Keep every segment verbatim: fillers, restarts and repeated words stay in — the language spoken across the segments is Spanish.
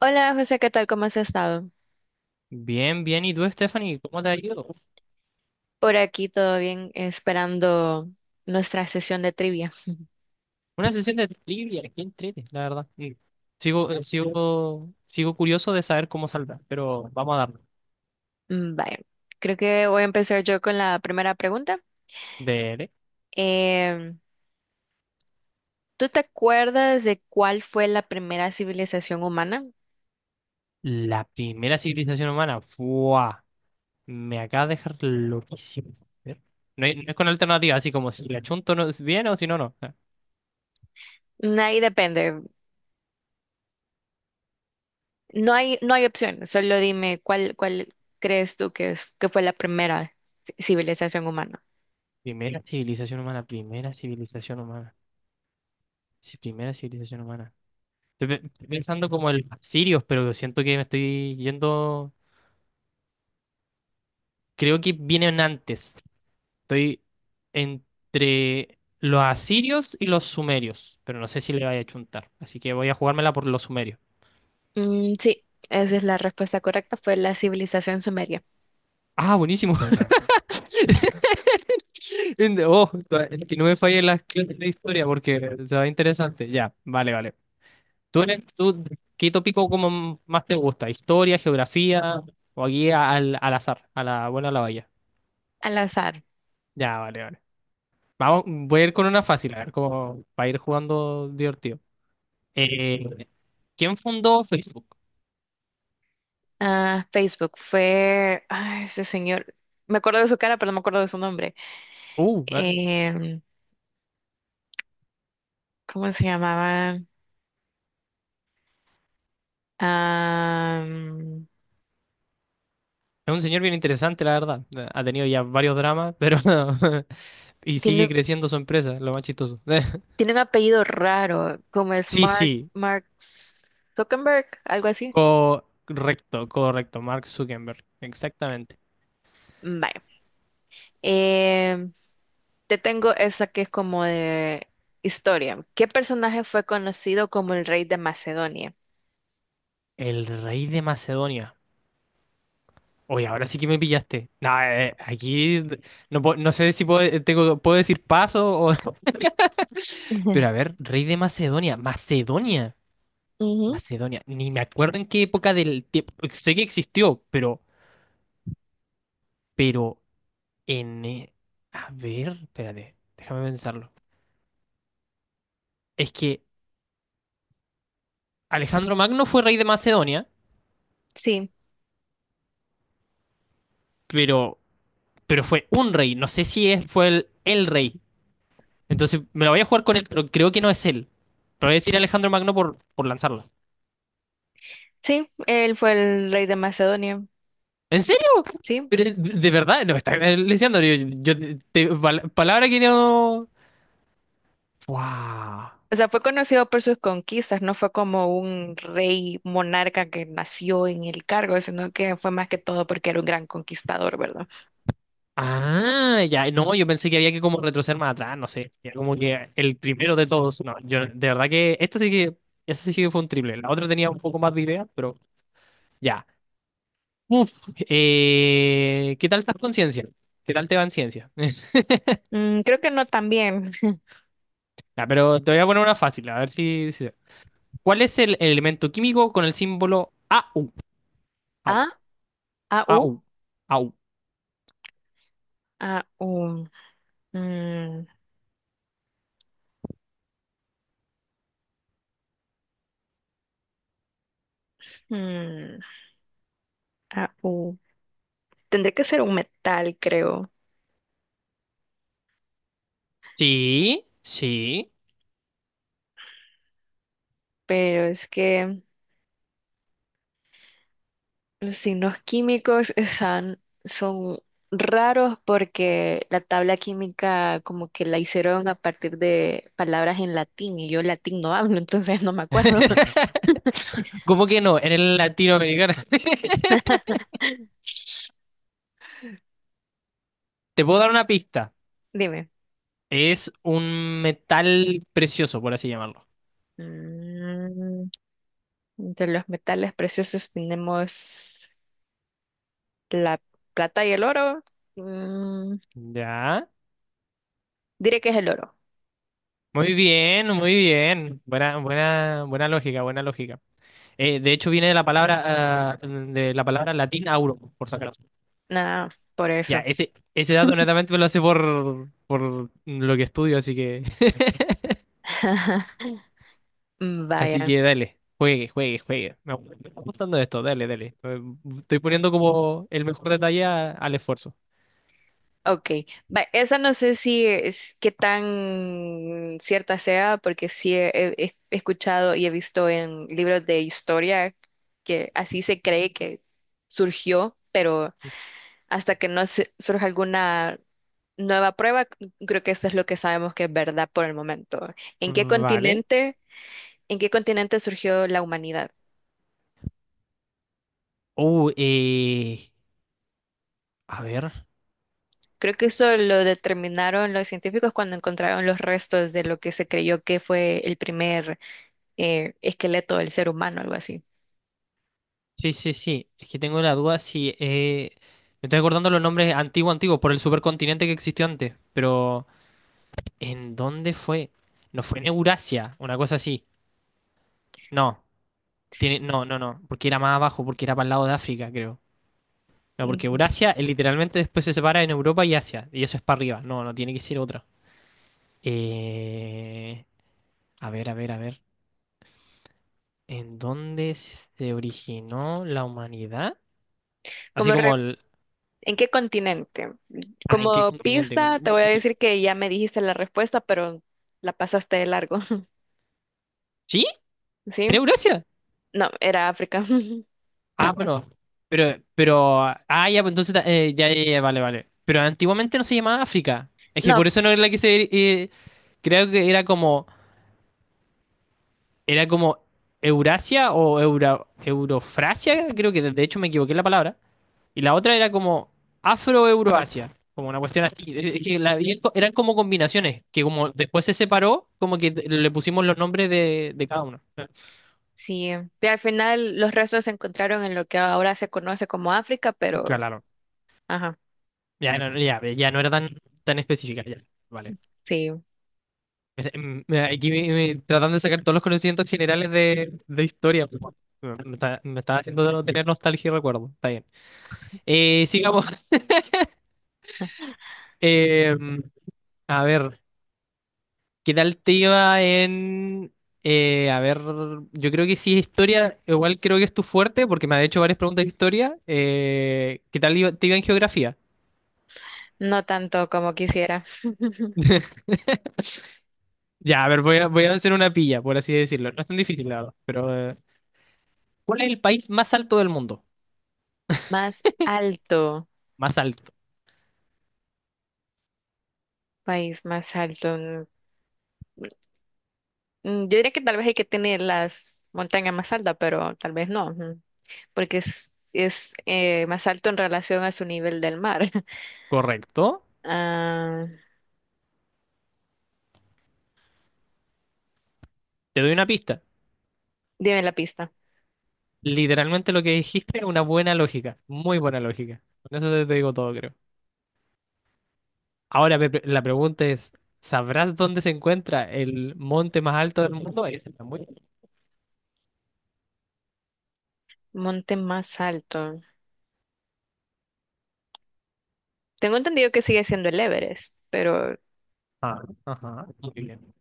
Hola José, ¿qué tal? ¿Cómo has estado? Bien, bien. ¿Y tú, Stephanie? ¿Cómo te ha ido? Por aquí todo bien, esperando nuestra sesión de trivia. Una sesión de trivia, qué entrete, la verdad. Y Sigo, eh, sigo, sigo curioso de saber cómo saldrá, pero vamos a darle. Mm, Vaya, creo que voy a empezar yo con la primera pregunta. De Em, ¿Tú te acuerdas de cuál fue la primera civilización humana? la primera civilización humana. ¡Buah! Me acaba de dejar loquísimo. A ver. No, hay- no es con alternativa, así como si la chunto no es bien o si no, no. Ah, Mm, Ahí depende. No hay, no hay opción. Solo dime cuál, cuál crees tú que es, que fue la primera ci- civilización humana. primera civilización humana, primera civilización humana. Sí, primera civilización humana. Estoy pe- estoy pensando como el sirios, pero siento que me estoy yendo. Creo que vienen antes. Estoy entre los asirios y los sumerios, pero no sé si le vaya a chuntar. Así que voy a jugármela por los sumerios. Mm, sí, esa es la respuesta correcta. Fue la civilización sumeria. Ah, buenísimo. En- Oh, que no me falle la clase de historia porque se va interesante. Ya, vale, vale. ¿Tú, eres, tú qué tópico como más te gusta? ¿Historia, geografía o aquí al, al azar, a la buena o la vaya? Al azar. Ya, vale, vale. Vamos, voy a ir con una fácil, a ver cómo va a ir jugando divertido. Eh, ¿Quién fundó Facebook? Ah, Facebook fue, ay, ese señor, me acuerdo de su cara, pero no me acuerdo de su nombre. Uh, eh, Em, ¿Cómo se llamaba? Am, Es un señor bien interesante, la verdad. Eh, Ha tenido ya varios dramas, pero y sigue tiene, creciendo su empresa, lo más chistoso. tiene un apellido raro, como es Sí, Mark, sí, Mark Zuckerberg, algo así. correcto, correcto, Mark Zuckerberg, exactamente. Vaya. Em, Te tengo esa que es como de historia. ¿Qué personaje fue conocido como el rey de Macedonia? El rey de Macedonia. Oye, ahora sí que me pillaste. Nah, eh, aquí no, puedo- no sé si puedo, eh, tengo, puedo decir paso o… Pero a ver, rey de Macedonia, Macedonia, Ujú. Ujú, Macedonia. Ni me acuerdo en qué época del tiempo. Sé que existió, pero, pero n a ver, espérate, déjame pensarlo. Es que Alejandro Magno fue rey de Macedonia, sí, pero, pero fue un rey. No sé si es- fue el, el rey. Entonces me la voy a jugar con él, pero creo que no es él. Pero voy a decir Alejandro Magno por, por lanzarla. sí, él fue el rey de Macedonia. ¿En serio? Sí, Pero, de de verdad, no me está leseando. Yo, yo te- pal- palabra que no. ¡Wow! o sea, fue conocido por sus conquistas, no fue como un rey monarca que nació en el cargo, sino que fue más que todo porque era un gran conquistador, ¿verdad? Ah, ya, no, yo pensé que había que como retroceder más atrás, no sé, ya como que el primero de todos, no, yo de verdad que esta sí que, esta sí que fue un triple, la otra tenía un poco más de idea, pero ya. Uf, eh, ¿qué tal estás con ciencia? ¿Qué tal te va en ciencia? Mm, creo que no también. Ya, pero te voy a poner una fácil, a ver si... si- ¿cuál es el elemento químico con el símbolo AU? AU, A, A, U, AU, AU. A, U. Mm, mm, A, U. Tendría que ser un metal, creo, Sí, sí. pero es que los signos químicos están, son raros porque la tabla química como que la hicieron a partir de palabras en latín y yo latín no hablo, entonces no me acuerdo. ¿Cómo que no? En el latinoamericano. Te puedo dar una pista. Dime. Es un metal precioso, por así llamarlo. Mm, entre los metales preciosos tenemos la plata y el oro. Mm, Ya. diré que es el oro. Muy bien, muy bien. Buena, buena, buena lógica, buena lógica. Eh, de hecho, viene de la palabra, ah, de la palabra latín auro, por sacar. Nada, por Ya, eso. ese, ese dato netamente me lo hace por, por lo que estudio, así que, así Vaya. que dale. Juegue, juegue, juegue. Me gu- me está gustando esto, dale, dale. Eh, Estoy poniendo como el mejor detalle a- al esfuerzo. Ok, va, esa no sé si es qué tan cierta sea, porque sí he, he- he escuchado y he visto en libros de historia que así se cree que surgió, pero hasta que no se- surja alguna nueva prueba, c- creo que eso es lo que sabemos que es verdad por el momento. ¿En qué Vale. continente, ¿En qué continente surgió la humanidad? Uh, eh, a ver. Creo que eso lo determinaron los científicos cuando encontraron los restos de lo que se creyó que fue el primer eh, esqueleto del ser humano, algo así. Sí, sí, sí. Es que tengo la duda si... eh, me estoy acordando los nombres antiguo antiguo por el supercontinente que existió antes. Pero… ¿En dónde fue? No fue en Eurasia, una cosa así. No. Tiene… No, no, no. Porque era más abajo, porque era para el lado de África, creo. No, porque Ujú. Eurasia eh, literalmente después se separa en Europa y Asia. Y eso es para arriba. No, no tiene que ser otra. Eh… A ver, a ver, a ver. ¿En dónde se originó la humanidad? Así Como re- como el… ¿En qué continente? Ah, ¿en qué Como continente? pista, te No, voy a decir que ya me dijiste la respuesta, pero la pasaste de largo. ¿sí? ¿Sí? ¿Era Eurasia? No, era África. Ah, pero, pero, pero, ah, ya, pues entonces, eh, ya, ya, ya, vale, vale. Pero antiguamente no se llamaba África. Es que No, por eso no era la que se, eh, creo que era como, era como Eurasia o Eura, Eurofrasia, creo que de de hecho me equivoqué en la palabra. Y la otra era como Afro-Euroasia, como una cuestión así. Eh, Es que la- y esto- eran como combinaciones, que como después se separó, como que le pusimos los nombres de, de cada uno. sí. Y al final los restos se encontraron en lo que ahora se conoce como África, pero, Claro. ajá, Ya no, ya, ya no era tan, tan específica, ya. Vale. sí, Es- mm, mira, aquí me- me- tratando de sacar todos los conocimientos generales de, de historia. Pues, bueno, me está, me está haciendo tener nostalgia y recuerdo. Está bien. Eh, sigamos. Eh, a ver, ¿qué tal te iba en... eh, a ver, yo creo que sí, historia, igual creo que es tu fuerte, porque me ha hecho varias preguntas de historia. Eh, ¿qué tal iba- ¿te iba en geografía? no tanto como quisiera. Ya, a ver, voy a, voy a hacer una pilla, por así decirlo. No es tan difícil, la verdad. Pero, eh, ¿cuál es el país más alto del mundo? Más alto, Más alto. país más alto. Mm, yo diría que tal vez el que tiene las montañas más altas, pero tal vez no. Porque es, es eh, más alto en relación a su nivel del mar. Correcto. Ah, Te doy una pista. dime la pista. Literalmente lo que dijiste es una buena lógica, muy buena lógica. Con eso te te digo todo, creo. Ahora Pepe, la pregunta es, ¿sabrás dónde se encuentra el monte más alto del mundo? Ahí está muy… bien. Monte más alto. Tengo entendido que sigue siendo el Everest, pero, Ah, ajá, muy bien.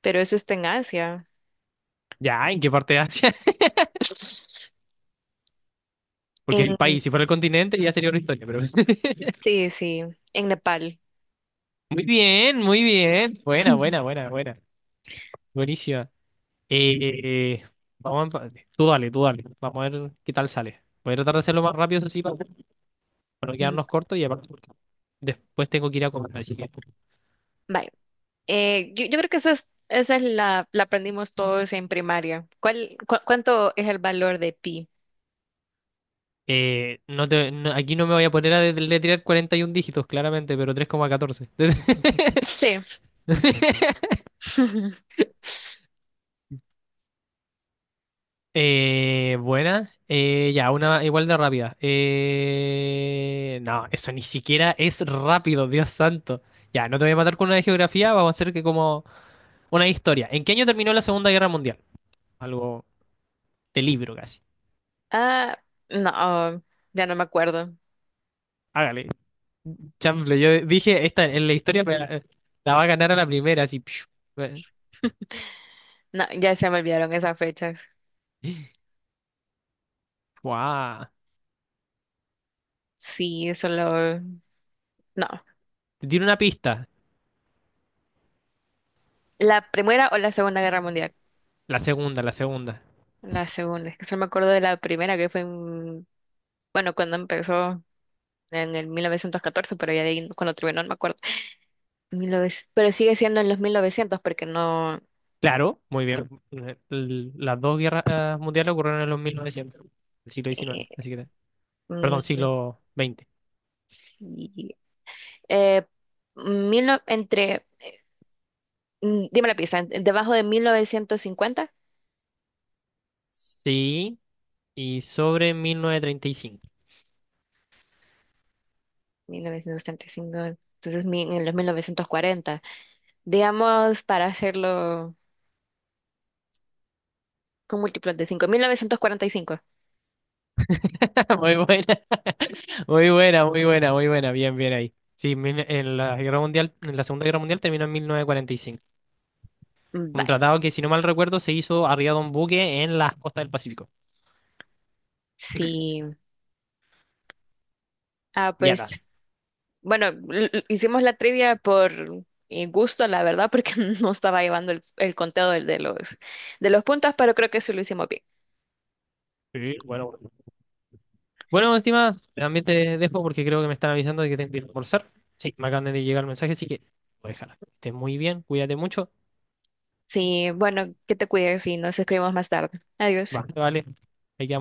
pero eso está en Asia. Ya, ¿en qué parte de Asia? Porque el En, país, si fuera el continente, ya sería una historia, pero… sí, sí, en Nepal. Muy bien, muy bien. Buena, buena, buena, buena. Buenísima. Eh, eh, eh, vamos a empate. Tú dale, tú dale. Vamos a ver qué tal sale. Voy a tratar de hacerlo más rápido, eso sí, para para no Mm, quedarnos cortos y aparte porque después tengo que ir a comer, así que… vaya. Eh, yo, yo creo que esa es, esa es la, la aprendimos todos en primaria. ¿Cuál, cu- ¿cuánto es el valor de pi? Eh, no te, no- aquí no me voy a poner a deletrear cuarenta y un dígitos, claramente, pero tres coma catorce. Sí. Eh, buena. Eh, ya, una igual de rápida. Eh, no, eso ni siquiera es rápido, Dios santo. Ya, no te voy a matar con una de geografía, vamos a hacer que como una de historia. ¿En qué año terminó la Segunda Guerra Mundial? Algo de libro casi. Ah, no, ya no me acuerdo. Hágale, chanfle. Yo dije, esta en la historia me- la va a ganar a la primera, así. Piu. Eh. No, ya se me olvidaron esas fechas. Guau. Sí, solo no, Te tiro una pista. la Primera o la Segunda Guerra Mundial. La segunda, la segunda. La segunda, es que solo me acuerdo de la primera que fue en, bueno, cuando empezó en el mil novecientos catorce, pero ya de ahí cuando terminó no me acuerdo. Mil novecientos, pero sigue siendo en los mil novecientos porque no, Claro, muy bien. Eh, l- Las dos guerras eh, mundiales ocurrieron en los mil novecientos, el siglo diecinueve, eh, así que, perdón, mm, siglo veinte. sí, eh, mil no- entre, mm, dime la pista, en- debajo de Sí, y sobre mil novecientos treinta y cinco. mil novecientos cincuenta, cinco, entonces mi- en los mil novecientos cuarenta, digamos para hacerlo con múltiplos de cinco, mil novecientos cuarenta y cinco. Muy buena, muy buena, muy buena, muy buena. Bien, bien ahí. Sí, mil- en la guerra mundial, en la Segunda Guerra Mundial terminó en mil novecientos cuarenta y cinco. Un Vaya. tratado que, si no mal recuerdo, se hizo arriba de un buque en las costas del Pacífico. Sí, ah, Ya está. pues bueno, l- l- hicimos la trivia por eh, gusto, la verdad, porque no estaba llevando el, el conteo del- de, los, de los puntos, pero creo que sí lo hicimos bien. Sí, bueno. Bueno, estimada, también te dejo porque creo que me están avisando de que tengo que ir a almorzar. Sí, me acaban de llegar el mensaje, así que déjala. Que estés muy bien, cuídate mucho. Sí, bueno, que te cuides y nos escribimos más tarde. Adiós. Va, vale. Hay que